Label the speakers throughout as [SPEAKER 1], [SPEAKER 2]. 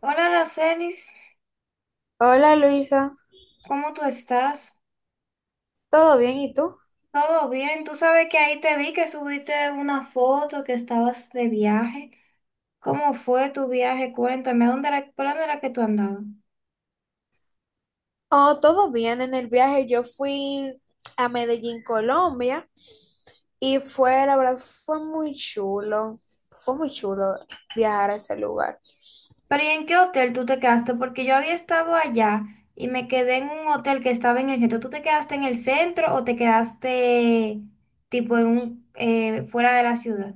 [SPEAKER 1] Hola, Aracelis,
[SPEAKER 2] Hola Luisa,
[SPEAKER 1] ¿cómo tú estás?
[SPEAKER 2] ¿todo bien? ¿Y tú?
[SPEAKER 1] ¿Todo bien? Tú sabes que ahí te vi que subiste una foto que estabas de viaje. ¿Cómo fue tu viaje? Cuéntame, ¿a dónde era, por dónde era que tú andabas?
[SPEAKER 2] Oh, todo bien en el viaje. Yo fui a Medellín, Colombia, y fue, la verdad, fue muy chulo. Fue muy chulo viajar a ese lugar.
[SPEAKER 1] Pero ¿y en qué hotel tú te quedaste? Porque yo había estado allá y me quedé en un hotel que estaba en el centro. ¿Tú te quedaste en el centro o te quedaste tipo en un fuera de la ciudad?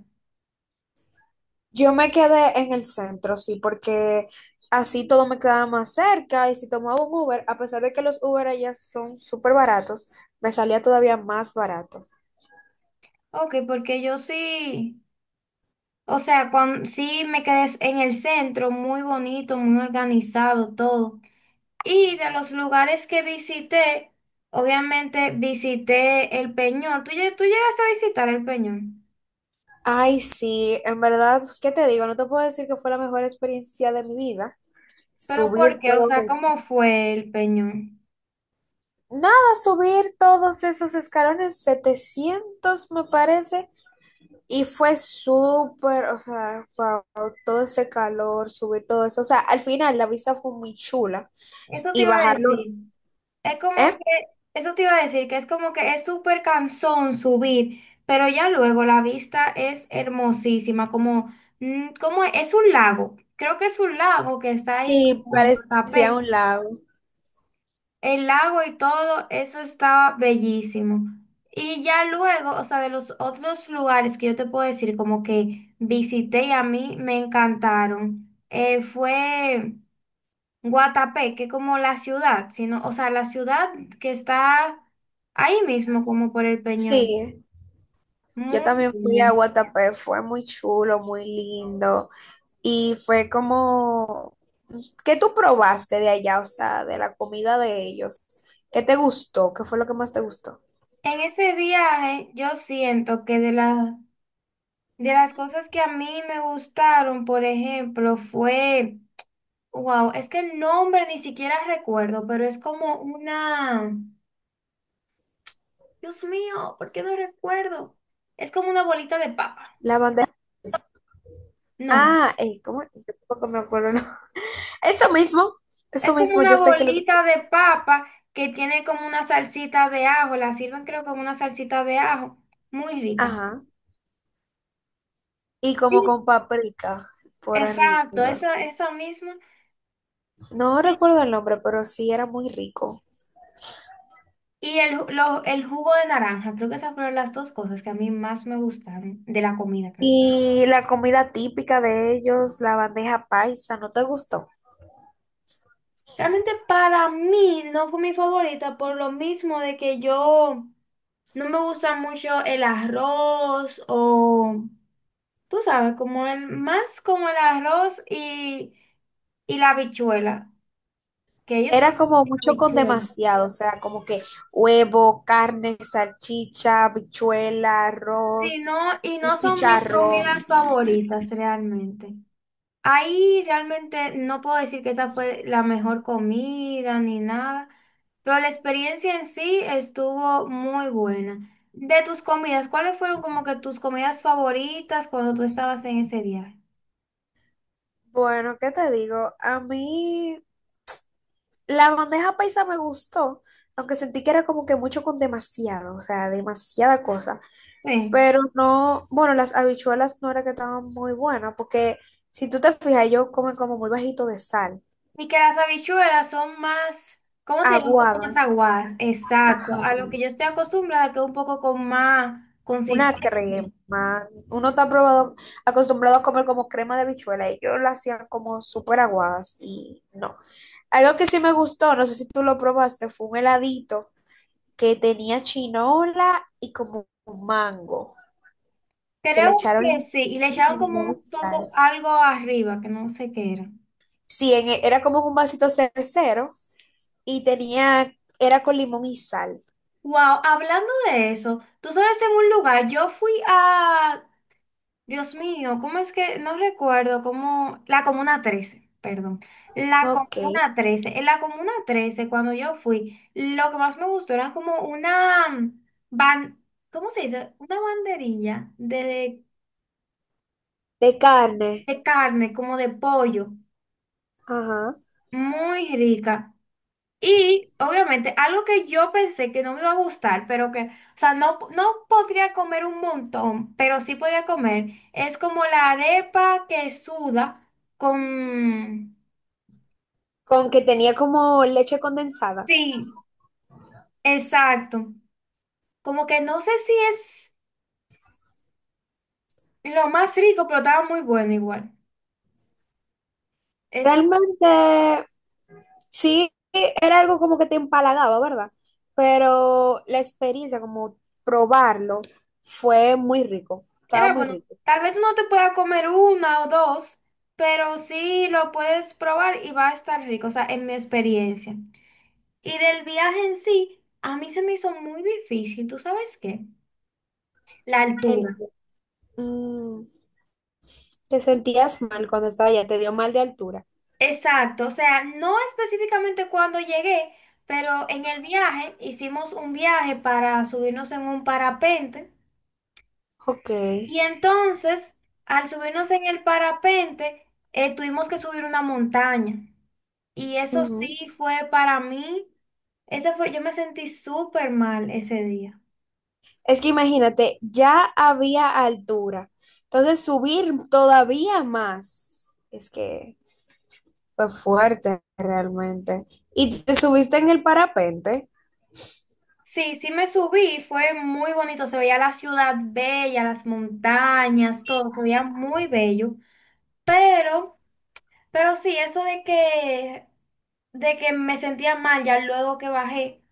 [SPEAKER 2] Yo me quedé en el centro, sí, porque así todo me quedaba más cerca y si tomaba un Uber, a pesar de que los Uber allá son súper baratos, me salía todavía más barato.
[SPEAKER 1] Ok, porque yo sí. O sea, cuando, sí me quedé en el centro, muy bonito, muy organizado, todo. Y de los lugares que visité, obviamente visité el Peñón. ¿Tú, tú llegaste a visitar el Peñón?
[SPEAKER 2] Ay, sí, en verdad, ¿qué te digo? No te puedo decir que fue la mejor experiencia de mi vida
[SPEAKER 1] ¿Pero por
[SPEAKER 2] subir
[SPEAKER 1] qué? O
[SPEAKER 2] todo
[SPEAKER 1] sea,
[SPEAKER 2] eso.
[SPEAKER 1] ¿cómo fue el Peñón?
[SPEAKER 2] Nada, subir todos esos escalones, 700 me parece. Y fue súper, o sea, wow, todo ese calor, subir todo eso. O sea, al final la vista fue muy chula.
[SPEAKER 1] Eso te
[SPEAKER 2] Y
[SPEAKER 1] iba a
[SPEAKER 2] bajarlo,
[SPEAKER 1] decir. Es como
[SPEAKER 2] ¿eh?
[SPEAKER 1] que, eso te iba a decir, que es como que es súper cansón subir, pero ya luego la vista es hermosísima, como, mm, como es un lago. Creo que es un lago que está ahí
[SPEAKER 2] Sí,
[SPEAKER 1] como en
[SPEAKER 2] parecía
[SPEAKER 1] Guatapé.
[SPEAKER 2] un lago.
[SPEAKER 1] El lago y todo, eso estaba bellísimo. Y ya luego, o sea, de los otros lugares que yo te puedo decir, como que visité y a mí me encantaron, fue Guatapé, que como la ciudad, sino, o sea, la ciudad que está ahí mismo, como por el Peñón.
[SPEAKER 2] Sí, yo
[SPEAKER 1] Muy
[SPEAKER 2] también fui a
[SPEAKER 1] bien.
[SPEAKER 2] Guatapé, fue muy chulo, muy lindo. Y fue como, ¿qué tú probaste de allá? O sea, de la comida de ellos. ¿Qué te gustó? ¿Qué fue lo que más te gustó?
[SPEAKER 1] En ese viaje, yo siento que de las cosas que a mí me gustaron, por ejemplo, fue... Wow, es que el nombre ni siquiera recuerdo, pero es como una... Dios mío, ¿por qué no recuerdo? Es como una bolita de papa.
[SPEAKER 2] La bandeja.
[SPEAKER 1] No,
[SPEAKER 2] Ah, ¿cómo? Yo tampoco me acuerdo, ¿no? Eso mismo, eso
[SPEAKER 1] es como
[SPEAKER 2] mismo,
[SPEAKER 1] una
[SPEAKER 2] yo sé que lo.
[SPEAKER 1] bolita de papa que tiene como una salsita de ajo. La sirven creo como una salsita de ajo. Muy rica.
[SPEAKER 2] Ajá. Y como
[SPEAKER 1] Sí.
[SPEAKER 2] con paprika por
[SPEAKER 1] Exacto,
[SPEAKER 2] arriba.
[SPEAKER 1] esa misma.
[SPEAKER 2] No
[SPEAKER 1] Y,
[SPEAKER 2] recuerdo el nombre, pero sí era muy rico.
[SPEAKER 1] el jugo de naranja. Creo que esas fueron las dos cosas que a mí más me gustaron de la comida.
[SPEAKER 2] Y la comida típica de ellos, la bandeja paisa, ¿no te gustó?
[SPEAKER 1] Realmente para mí no fue mi favorita por lo mismo de que yo no me gusta mucho el arroz o, tú sabes, como el, más como el arroz y la habichuela, que ellos no
[SPEAKER 2] Era
[SPEAKER 1] me
[SPEAKER 2] como
[SPEAKER 1] dicen
[SPEAKER 2] mucho con
[SPEAKER 1] habichuela.
[SPEAKER 2] demasiado, o sea, como que huevo, carne, salchicha, habichuela,
[SPEAKER 1] Sí, no,
[SPEAKER 2] arroz,
[SPEAKER 1] y no
[SPEAKER 2] un
[SPEAKER 1] son mis
[SPEAKER 2] chicharrón.
[SPEAKER 1] comidas favoritas realmente. Ahí realmente no puedo decir que esa fue la mejor comida ni nada, pero la experiencia en sí estuvo muy buena. De tus comidas, ¿cuáles fueron como que tus comidas favoritas cuando tú estabas en ese viaje?
[SPEAKER 2] Bueno, ¿qué te digo? A mí la bandeja paisa me gustó, aunque sentí que era como que mucho con demasiado, o sea, demasiada cosa.
[SPEAKER 1] Sí.
[SPEAKER 2] Pero no, bueno, las habichuelas no era que estaban muy buenas, porque si tú te fijas, ellos comen como muy bajito de sal,
[SPEAKER 1] Y que las habichuelas son más, ¿cómo te diré? Un poco más
[SPEAKER 2] aguadas,
[SPEAKER 1] aguadas. Exacto,
[SPEAKER 2] ajá,
[SPEAKER 1] a lo que yo estoy acostumbrada, que es un poco con más consistencia.
[SPEAKER 2] una crema. Uno está probado, acostumbrado a comer como crema de habichuela, ellos la hacían como súper aguadas y no. Algo que sí me gustó, no sé si tú lo probaste, fue un heladito que tenía chinola y como mango. Que le
[SPEAKER 1] Creo
[SPEAKER 2] echaron
[SPEAKER 1] que sí, y le echaban como
[SPEAKER 2] limón
[SPEAKER 1] un
[SPEAKER 2] y
[SPEAKER 1] poco
[SPEAKER 2] sal.
[SPEAKER 1] algo arriba, que no sé qué era.
[SPEAKER 2] Sí, era como un vasito cervecero y tenía, era con limón y sal.
[SPEAKER 1] Wow, hablando de eso, tú sabes, en un lugar, yo fui a... Dios mío, ¿cómo es que? No recuerdo, cómo, la Comuna Trece, perdón, la
[SPEAKER 2] Ok.
[SPEAKER 1] Comuna Trece. En la Comuna Trece cuando yo fui, lo que más me gustó era como una, mm, ban, ¿cómo se dice? Una banderilla
[SPEAKER 2] De carne.
[SPEAKER 1] de carne, como de pollo,
[SPEAKER 2] Ajá.
[SPEAKER 1] muy rica. Y obviamente algo que yo pensé que no me iba a gustar, pero que, o sea, no, no podría comer un montón, pero sí podría comer, es como la arepa que suda con...
[SPEAKER 2] Con que tenía como leche condensada.
[SPEAKER 1] Sí, exacto. Como que no sé si es lo más rico, pero estaba muy bueno igual. Eso
[SPEAKER 2] Realmente, sí, era algo como que te empalagaba, ¿verdad? Pero la experiencia, como probarlo, fue muy rico. Estaba
[SPEAKER 1] era
[SPEAKER 2] muy
[SPEAKER 1] bueno.
[SPEAKER 2] rico.
[SPEAKER 1] Tal vez no te pueda comer una o dos, pero sí lo puedes probar y va a estar rico, o sea, en mi experiencia. Y del viaje en sí, a mí se me hizo muy difícil, ¿tú sabes qué? La
[SPEAKER 2] El,
[SPEAKER 1] altura.
[SPEAKER 2] mm, te sentías mal cuando estaba allá, te dio mal de altura.
[SPEAKER 1] Exacto, o sea, no específicamente cuando llegué, pero en el viaje hicimos un viaje para subirnos en un parapente
[SPEAKER 2] Ok.
[SPEAKER 1] y entonces al subirnos en el parapente tuvimos que subir una montaña y eso
[SPEAKER 2] Ujú.
[SPEAKER 1] sí fue para mí, ese fue, yo me sentí súper mal ese día.
[SPEAKER 2] Es que imagínate, ya había altura. Entonces subir todavía más. Es que fue fuerte realmente. ¿Y te subiste en el parapente?
[SPEAKER 1] Sí, sí me subí, fue muy bonito, se veía la ciudad bella, las montañas, todo, se veía muy bello, pero, pero sí, eso de que me sentía mal ya luego que bajé,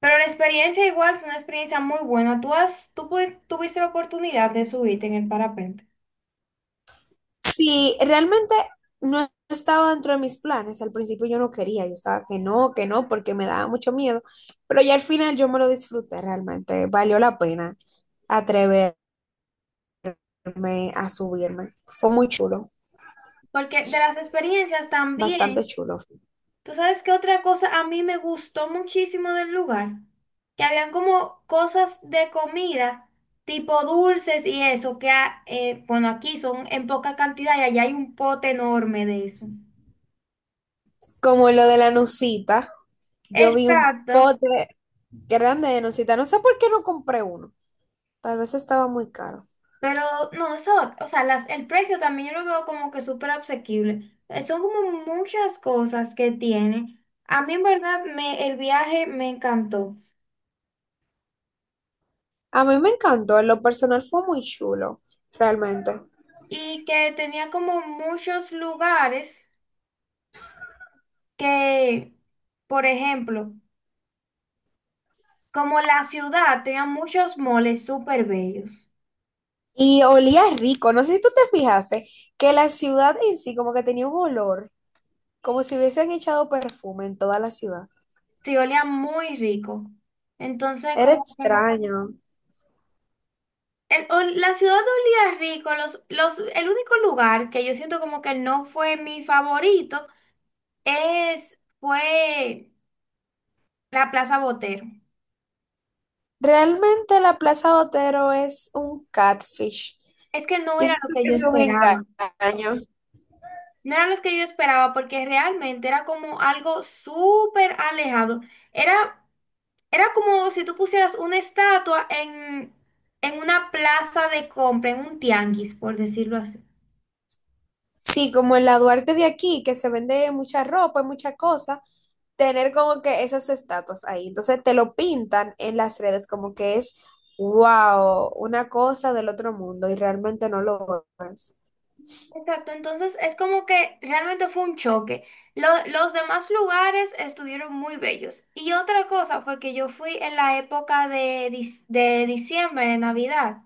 [SPEAKER 1] pero la experiencia igual fue una experiencia muy buena, tú has, tú pu- tuviste la oportunidad de subirte en el parapente.
[SPEAKER 2] Sí, realmente no estaba dentro de mis planes. Al principio yo no quería, yo estaba que no, porque me daba mucho miedo. Pero ya al final yo me lo disfruté realmente. Valió la pena atreverme a subirme. Fue muy chulo,
[SPEAKER 1] Porque de las experiencias
[SPEAKER 2] bastante
[SPEAKER 1] también,
[SPEAKER 2] chulo.
[SPEAKER 1] tú sabes que otra cosa a mí me gustó muchísimo del lugar, que habían como cosas de comida, tipo dulces y eso, bueno, aquí son en poca cantidad y allá hay un pote enorme de eso.
[SPEAKER 2] Como lo de la nucita, yo vi un
[SPEAKER 1] Exacto,
[SPEAKER 2] pote grande de nucita. No sé por qué no compré uno. Tal vez estaba muy caro.
[SPEAKER 1] pero no, eso, o sea, las, el precio también yo lo veo como que súper asequible. Son como muchas cosas que tiene. A mí en verdad me, el viaje me encantó.
[SPEAKER 2] A mí me encantó, en lo personal fue muy chulo, realmente.
[SPEAKER 1] Y que tenía como muchos lugares que, por ejemplo, como la ciudad tenía muchos moles súper bellos,
[SPEAKER 2] Y olía rico. No sé si tú te fijaste que la ciudad en sí como que tenía un olor, como si hubiesen echado perfume en toda la ciudad.
[SPEAKER 1] sí, olía muy rico. Entonces,
[SPEAKER 2] Era
[SPEAKER 1] como que
[SPEAKER 2] extraño.
[SPEAKER 1] o la ciudad olía rico, los, el único lugar que yo siento como que no fue mi favorito es, fue la Plaza Botero.
[SPEAKER 2] Realmente la Plaza Botero es un catfish.
[SPEAKER 1] Es que no
[SPEAKER 2] Yo
[SPEAKER 1] era lo
[SPEAKER 2] siento
[SPEAKER 1] que
[SPEAKER 2] que
[SPEAKER 1] yo
[SPEAKER 2] es un
[SPEAKER 1] esperaba.
[SPEAKER 2] engaño.
[SPEAKER 1] No eran los que yo esperaba porque realmente era como algo súper alejado. Era, era como si tú pusieras una estatua en una plaza de compra, en un tianguis, por decirlo así.
[SPEAKER 2] Sí, como en la Duarte de aquí, que se vende mucha ropa y muchas cosas, tener como que esas estatuas ahí. Entonces te lo pintan en las redes como que es, wow, una cosa del otro mundo y realmente no lo es.
[SPEAKER 1] Exacto, entonces es como que realmente fue un choque. Los demás lugares estuvieron muy bellos. Y otra cosa fue que yo fui en la época de, de diciembre, de Navidad.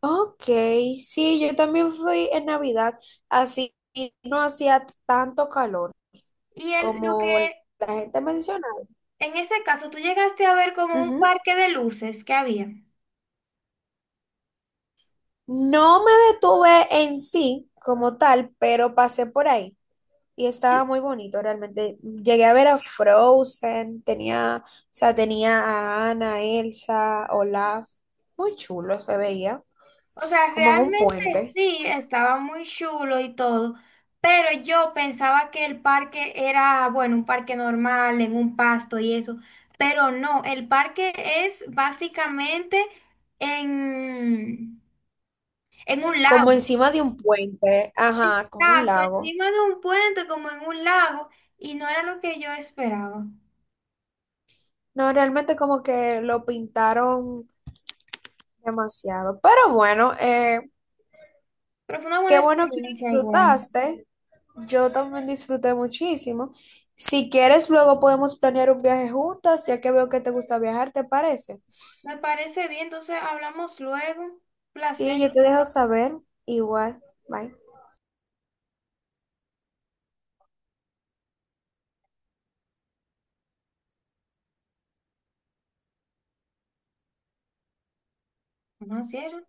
[SPEAKER 2] Ok, sí, yo también fui en Navidad, así no hacía tanto calor
[SPEAKER 1] Y el, lo que
[SPEAKER 2] como la gente mencionaba.
[SPEAKER 1] en ese caso tú llegaste a ver como un
[SPEAKER 2] Ujú.
[SPEAKER 1] parque de luces que había.
[SPEAKER 2] No me detuve en sí como tal, pero pasé por ahí. Y estaba muy bonito realmente. Llegué a ver a Frozen, tenía, o sea, tenía a Anna, Elsa, Olaf. Muy chulo se veía,
[SPEAKER 1] O sea,
[SPEAKER 2] como en un
[SPEAKER 1] realmente
[SPEAKER 2] puente,
[SPEAKER 1] sí, estaba muy chulo y todo, pero yo pensaba que el parque era, bueno, un parque normal, en un pasto y eso, pero no, el parque es básicamente en, en un
[SPEAKER 2] como
[SPEAKER 1] lago.
[SPEAKER 2] encima de un puente, ajá, como un
[SPEAKER 1] Exacto,
[SPEAKER 2] lago.
[SPEAKER 1] encima de un puente como en un lago y no era lo que yo esperaba.
[SPEAKER 2] No, realmente como que lo pintaron demasiado. Pero bueno,
[SPEAKER 1] Pero fue una
[SPEAKER 2] qué
[SPEAKER 1] buena
[SPEAKER 2] bueno que
[SPEAKER 1] experiencia igual.
[SPEAKER 2] disfrutaste. Yo también disfruté muchísimo. Si quieres, luego podemos planear un viaje juntas, ya que veo que te gusta viajar, ¿te parece?
[SPEAKER 1] Me parece bien, entonces hablamos luego. Placer.
[SPEAKER 2] Sí, yo te dejo saber. Igual. Bye.
[SPEAKER 1] No, cierre.